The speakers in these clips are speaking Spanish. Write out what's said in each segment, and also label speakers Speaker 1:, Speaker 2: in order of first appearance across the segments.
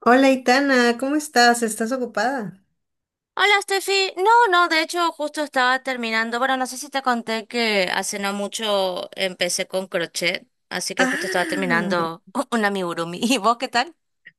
Speaker 1: Hola, Itana, ¿cómo estás? ¿Estás ocupada?
Speaker 2: Hola, Steffi. No, no, de hecho justo estaba terminando. Bueno, no sé si te conté que hace no mucho empecé con crochet, así que justo estaba
Speaker 1: Ah,
Speaker 2: terminando un amigurumi. ¿Y vos qué tal?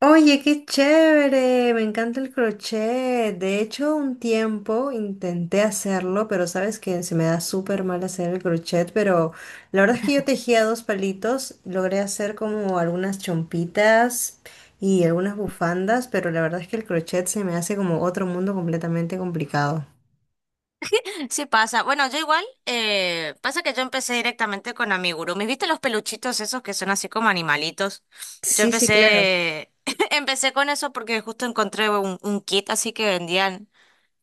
Speaker 1: oye, qué chévere, me encanta el crochet. De hecho, un tiempo intenté hacerlo, pero sabes que se me da súper mal hacer el crochet, pero la verdad es que yo tejía dos palitos, logré hacer como algunas chompitas y algunas bufandas, pero la verdad es que el crochet se me hace como otro mundo completamente complicado.
Speaker 2: Sí, pasa. Bueno, yo igual, pasa que yo empecé directamente con amigurumis. ¿Viste los peluchitos esos que son así como animalitos? Yo
Speaker 1: Sí, sí, claro.
Speaker 2: empecé, empecé con eso porque justo encontré un kit así que vendían.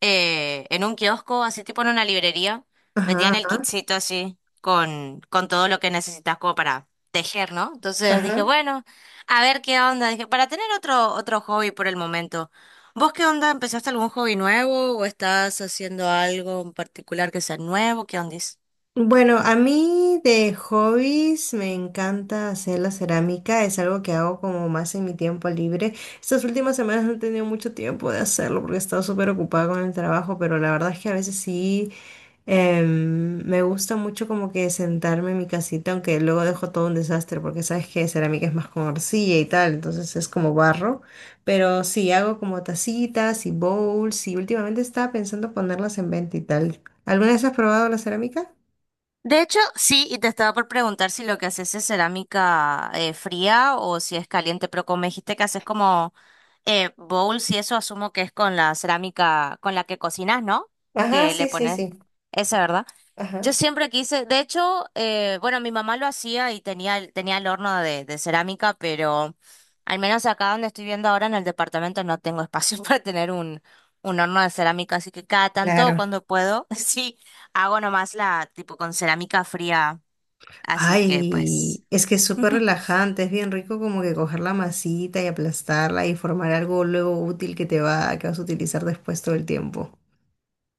Speaker 2: Eh, en un kiosco, así tipo en una librería, vendían
Speaker 1: Ajá,
Speaker 2: el
Speaker 1: ajá.
Speaker 2: kitcito así con todo lo que necesitas como para tejer, ¿no? Entonces dije,
Speaker 1: Ajá.
Speaker 2: bueno, a ver qué onda. Dije, para tener otro hobby por el momento. ¿Vos qué onda? ¿Empezaste algún hobby nuevo o estás haciendo algo en particular que sea nuevo? ¿Qué onda?
Speaker 1: Bueno, a mí de hobbies me encanta hacer la cerámica, es algo que hago como más en mi tiempo libre. Estas últimas semanas no he tenido mucho tiempo de hacerlo porque he estado súper ocupada con el trabajo, pero la verdad es que a veces sí me gusta mucho como que sentarme en mi casita, aunque luego dejo todo un desastre porque sabes que cerámica es más con arcilla y tal, entonces es como barro. Pero sí, hago como tacitas y bowls y últimamente estaba pensando ponerlas en venta y tal. ¿Alguna vez has probado la cerámica?
Speaker 2: De hecho, sí, y te estaba por preguntar si lo que haces es cerámica fría o si es caliente, pero como me dijiste que haces como bowls y eso, asumo que es con la cerámica con la que cocinas, ¿no?
Speaker 1: Ajá,
Speaker 2: Que le
Speaker 1: sí, sí,
Speaker 2: pones
Speaker 1: sí.
Speaker 2: esa, ¿verdad?
Speaker 1: Ajá.
Speaker 2: Yo siempre quise, de hecho, bueno, mi mamá lo hacía y tenía el horno de cerámica, pero al menos acá donde estoy viendo ahora en el departamento no tengo espacio para tener un horno de cerámica, así que cada tanto
Speaker 1: Claro.
Speaker 2: cuando puedo, sí, hago nomás la tipo con cerámica fría, así que pues...
Speaker 1: Ay, es que es súper relajante, es bien rico como que coger la masita y aplastarla y formar algo luego útil que te va, que vas a utilizar después todo el tiempo.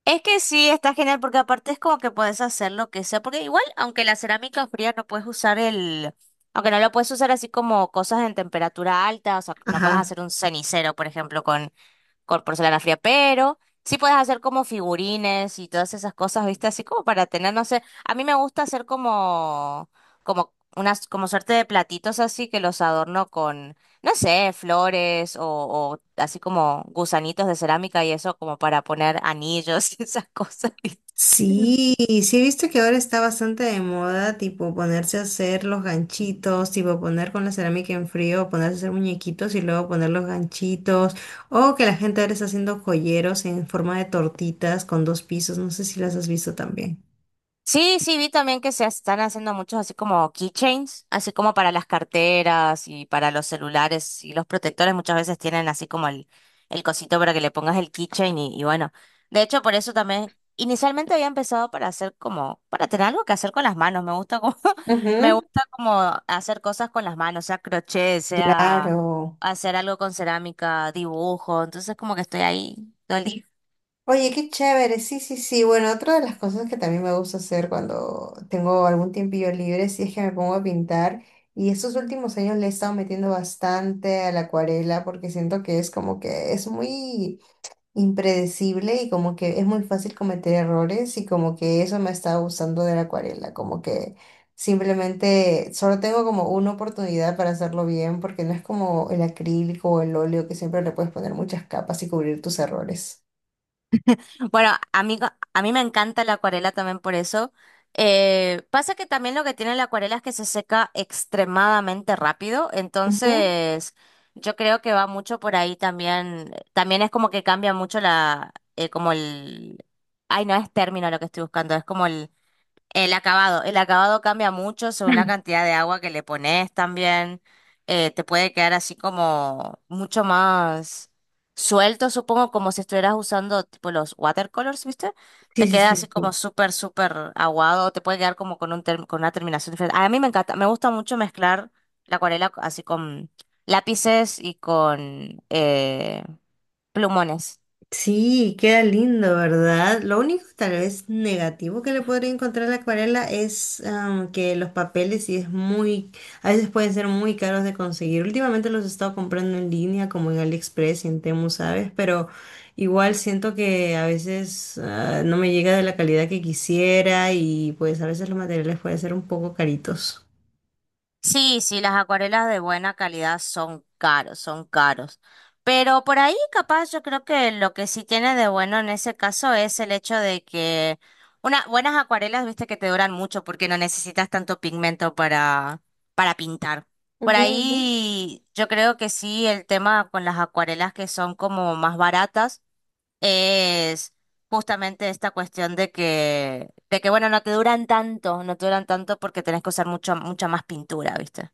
Speaker 2: Es que sí, está genial porque aparte es como que puedes hacer lo que sea, porque igual, aunque no lo puedes usar así como cosas en temperatura alta, o sea, no puedes
Speaker 1: Ajá.
Speaker 2: hacer un cenicero, por ejemplo, con porcelana fría, pero sí puedes hacer como figurines y todas esas cosas, ¿viste? Así como para tener, no sé, a mí me gusta hacer como unas, como suerte de platitos así que los adorno con, no sé, flores o así como gusanitos de cerámica y eso como para poner anillos y esas cosas, ¿viste?
Speaker 1: Sí, sí he visto que ahora está bastante de moda, tipo ponerse a hacer los ganchitos, tipo poner con la cerámica en frío, ponerse a hacer muñequitos y luego poner los ganchitos, o que la gente ahora está haciendo joyeros en forma de tortitas con dos pisos, no sé si las has visto también.
Speaker 2: Sí, sí, vi también que se están haciendo muchos así como keychains, así como para las carteras y para los celulares y los protectores muchas veces tienen así como el cosito para que le pongas el keychain y bueno, de hecho por eso también inicialmente había empezado para hacer como, para tener algo que hacer con las manos, me gusta como, me gusta como hacer cosas con las manos, sea crochet, sea
Speaker 1: Claro.
Speaker 2: hacer algo con cerámica, dibujo, entonces como que estoy ahí todo el día.
Speaker 1: Oye, qué chévere. Sí, sí, sí. Bueno, otra de las cosas que también me gusta hacer cuando tengo algún tiempillo libre, sí es que me pongo a pintar. Y estos últimos años le he estado metiendo bastante a la acuarela porque siento que es como que es muy impredecible y como que es muy fácil cometer errores y como que eso me está gustando de la acuarela, como que simplemente solo tengo como una oportunidad para hacerlo bien porque no es como el acrílico o el óleo que siempre le puedes poner muchas capas y cubrir tus errores.
Speaker 2: Bueno, a mí me encanta la acuarela también por eso. Pasa que también lo que tiene la acuarela es que se seca extremadamente rápido,
Speaker 1: Ujú.
Speaker 2: entonces yo creo que va mucho por ahí también. También es como que cambia mucho ay, no es término lo que estoy buscando, es como el acabado cambia mucho según la cantidad de agua que le pones también. Te puede quedar así como mucho más suelto, supongo, como si estuvieras usando tipo los watercolors, ¿viste?
Speaker 1: Sí,
Speaker 2: Te
Speaker 1: sí,
Speaker 2: queda así
Speaker 1: sí,
Speaker 2: como
Speaker 1: sí.
Speaker 2: súper, súper aguado, te puede quedar como con un con una terminación diferente. A mí me encanta, me gusta mucho mezclar la acuarela así con lápices y con plumones.
Speaker 1: Sí, queda lindo, ¿verdad? Lo único tal vez negativo que le podría encontrar a la acuarela es que los papeles sí es muy, a veces pueden ser muy caros de conseguir. Últimamente los he estado comprando en línea, como en AliExpress y en Temu, ¿sabes? Pero igual siento que a veces no me llega de la calidad que quisiera y pues a veces los materiales pueden ser un poco caritos.
Speaker 2: Sí, sí, las acuarelas de buena calidad son caros, son caros. Pero por ahí capaz yo creo que lo que sí tiene de bueno en ese caso es el hecho de que unas buenas acuarelas, viste que te duran mucho porque no necesitas tanto pigmento para pintar. Por
Speaker 1: Ujú, ujú.
Speaker 2: ahí yo creo que sí, el tema con las acuarelas que son como más baratas es justamente esta cuestión de que, bueno, no te duran tanto, no te duran tanto porque tenés que usar mucho, mucha más pintura, ¿viste?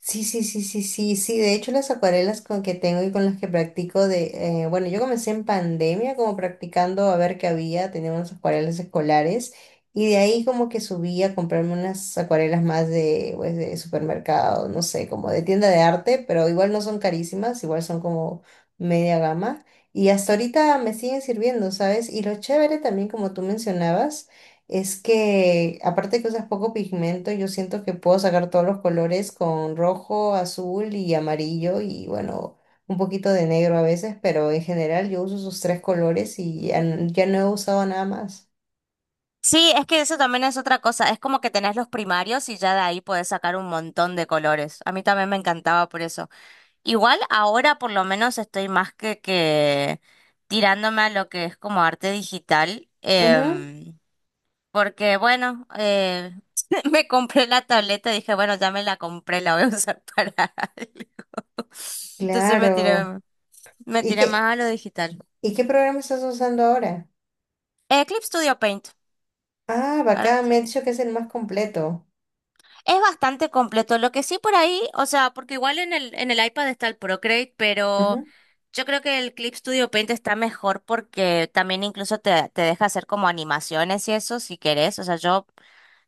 Speaker 1: Sí, sí, sí, sí, sí, sí. De hecho, las acuarelas con que tengo y con las que practico bueno, yo comencé en pandemia como practicando a ver qué había, tenía unas acuarelas escolares y de ahí como que subí a comprarme unas acuarelas más de, pues, de supermercado, no sé, como de tienda de arte, pero igual no son carísimas, igual son como media gama y hasta ahorita me siguen sirviendo, ¿sabes? Y lo chévere también, como tú mencionabas. Es que, aparte que usas poco pigmento, yo siento que puedo sacar todos los colores con rojo, azul y amarillo y bueno, un poquito de negro a veces, pero en general yo uso esos tres colores y ya, ya no he usado nada más.
Speaker 2: Sí, es que eso también es otra cosa, es como que tenés los primarios y ya de ahí podés sacar un montón de colores. A mí también me encantaba por eso. Igual ahora por lo menos estoy más que tirándome a lo que es como arte digital.
Speaker 1: Ujú,
Speaker 2: Porque bueno, me compré la tableta, dije, bueno, ya me la compré, la voy a usar para algo. Entonces
Speaker 1: claro.
Speaker 2: me
Speaker 1: ¿Y
Speaker 2: tiré más
Speaker 1: qué,
Speaker 2: a lo digital.
Speaker 1: y qué programa estás usando ahora?
Speaker 2: Eclipse Studio Paint.
Speaker 1: Ah,
Speaker 2: Ahora,
Speaker 1: bacán, me ha dicho que es el más completo.
Speaker 2: es bastante completo. Lo que sí por ahí, o sea, porque igual en el iPad está el Procreate, pero
Speaker 1: Ujú,
Speaker 2: yo creo que el Clip Studio Paint está mejor porque también incluso te, te deja hacer como animaciones y eso si querés. O sea, yo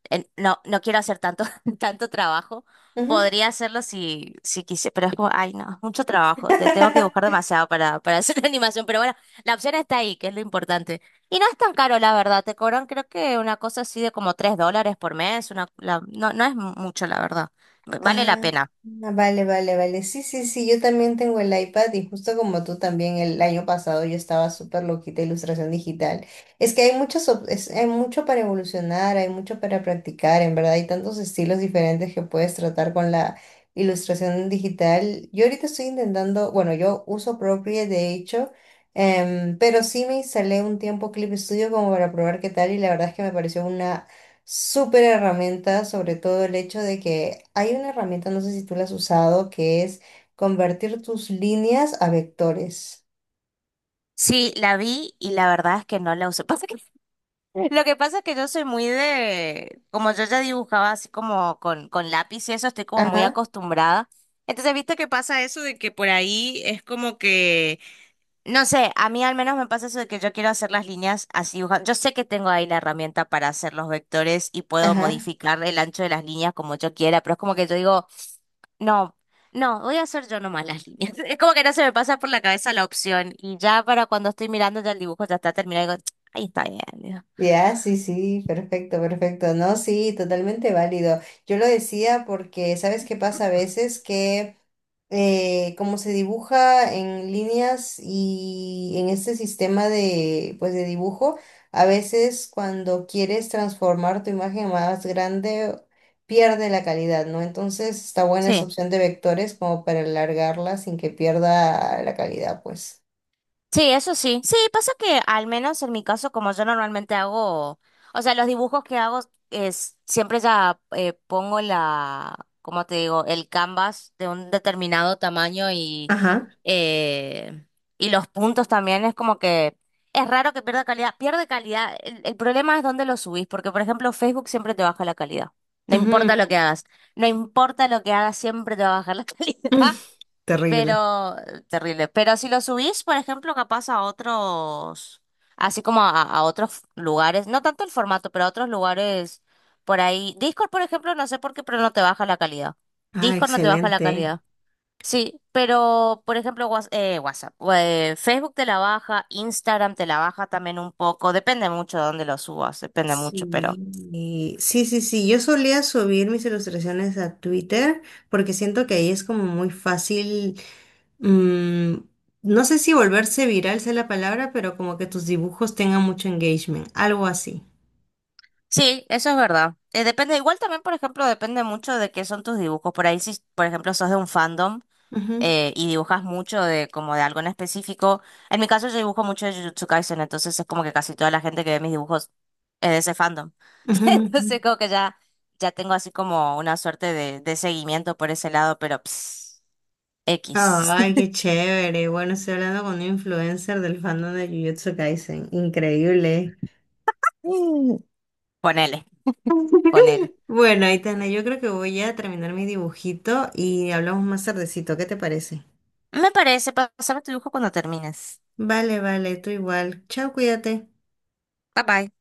Speaker 2: no quiero hacer tanto, tanto trabajo.
Speaker 1: ujú.
Speaker 2: Podría hacerlo si, si quise, pero es como, ay, no, es mucho trabajo. Te tengo que buscar demasiado para hacer la animación. Pero bueno, la opción está ahí, que es lo importante. Y no es tan caro, la verdad. Te cobran, creo que una cosa así de como $3 por mes. No es mucho, la verdad. Vale la
Speaker 1: Ah,
Speaker 2: pena.
Speaker 1: ah, vale, vale, vale. Sí, sí, sí, yo también tengo el iPad y justo como tú también el año pasado yo estaba súper loquita de ilustración digital. Es que hay muchos, hay mucho para evolucionar, hay mucho para practicar, en verdad hay tantos estilos diferentes que puedes tratar con la ilustración digital. Yo ahorita estoy intentando, bueno, yo uso Procreate de hecho, pero sí me instalé un tiempo Clip Studio como para probar qué tal y la verdad es que me pareció una súper herramienta, sobre todo el hecho de que hay una herramienta, no sé si tú la has usado, que es convertir tus líneas a vectores.
Speaker 2: Sí, la vi y la verdad es que no la usé. Pasa que lo que pasa es que yo soy muy de, como yo ya dibujaba así como con lápiz y eso, estoy como muy
Speaker 1: Ajá,
Speaker 2: acostumbrada. Entonces, ¿viste que pasa eso de que por ahí es como que, no sé, a mí al menos me pasa eso de que yo quiero hacer las líneas así dibujando? Yo sé que tengo ahí la herramienta para hacer los vectores y puedo
Speaker 1: ajá.
Speaker 2: modificar el ancho de las líneas como yo quiera, pero es como que yo digo, no, no, voy a hacer yo nomás las líneas. Es como que no se me pasa por la cabeza la opción y ya para cuando estoy mirando ya el dibujo ya está terminado y digo, ahí está bien. Digo,
Speaker 1: Ya, sí, sí, perfecto, perfecto. No, sí, totalmente válido. Yo lo decía porque, ¿sabes qué pasa a veces? Que como se dibuja en líneas y en este sistema de, pues, de dibujo, a veces cuando quieres transformar tu imagen más grande, pierde la calidad, ¿no? Entonces está buena esa
Speaker 2: sí.
Speaker 1: opción de vectores como para alargarla sin que pierda la calidad, pues.
Speaker 2: Sí, eso sí. Sí, pasa que al menos en mi caso, como yo normalmente hago, o sea, los dibujos que hago es siempre ya ¿cómo te digo? El canvas de un determinado tamaño
Speaker 1: Ajá.
Speaker 2: eh, y los puntos también es como que es raro que pierda calidad. Pierde calidad. El problema es dónde lo subís, porque por ejemplo Facebook siempre te baja la calidad. No
Speaker 1: Ujú.
Speaker 2: importa lo que hagas, no importa lo que hagas, siempre te va a bajar la calidad.
Speaker 1: Mm. Terrible.
Speaker 2: Pero, terrible. Pero si lo subís, por ejemplo, capaz a otros, así como a otros lugares, no tanto el formato, pero a otros lugares por ahí. Discord, por ejemplo, no sé por qué, pero no te baja la calidad.
Speaker 1: Ah,
Speaker 2: Discord no te baja la
Speaker 1: excelente.
Speaker 2: calidad. Sí, pero, por ejemplo, WhatsApp, Facebook te la baja, Instagram te la baja también un poco. Depende mucho de dónde lo subas, depende mucho, pero.
Speaker 1: Sí, sí, sí, sí. Yo solía subir mis ilustraciones a Twitter porque siento que ahí es como muy fácil. mm, no sé si volverse viral sea la palabra, pero como que tus dibujos tengan mucho engagement, algo así.
Speaker 2: Sí, eso es verdad. Depende, igual también, por ejemplo, depende mucho de qué son tus dibujos. Por ahí, si, por ejemplo, sos de un fandom.
Speaker 1: Ujú,
Speaker 2: Eh, y dibujas mucho de como de algo en específico. En mi caso yo dibujo mucho de Jujutsu Kaisen, entonces es como que casi toda la gente que ve mis dibujos es de ese fandom.
Speaker 1: ujú, ujú.
Speaker 2: Entonces como que ya, ya tengo así como una suerte de seguimiento por ese lado, pero ps, X.
Speaker 1: Ay, qué chévere. Bueno, estoy hablando con un influencer del fandom de Jujutsu Kaisen. Increíble.
Speaker 2: Mm. Ponele, ponele.
Speaker 1: Bueno, Aitana, yo creo que voy a terminar mi dibujito y hablamos más tardecito. ¿Qué te parece?
Speaker 2: Me parece, pásame tu dibujo cuando termines.
Speaker 1: Vale, vale, tú igual. Chao, cuídate.
Speaker 2: Bye bye.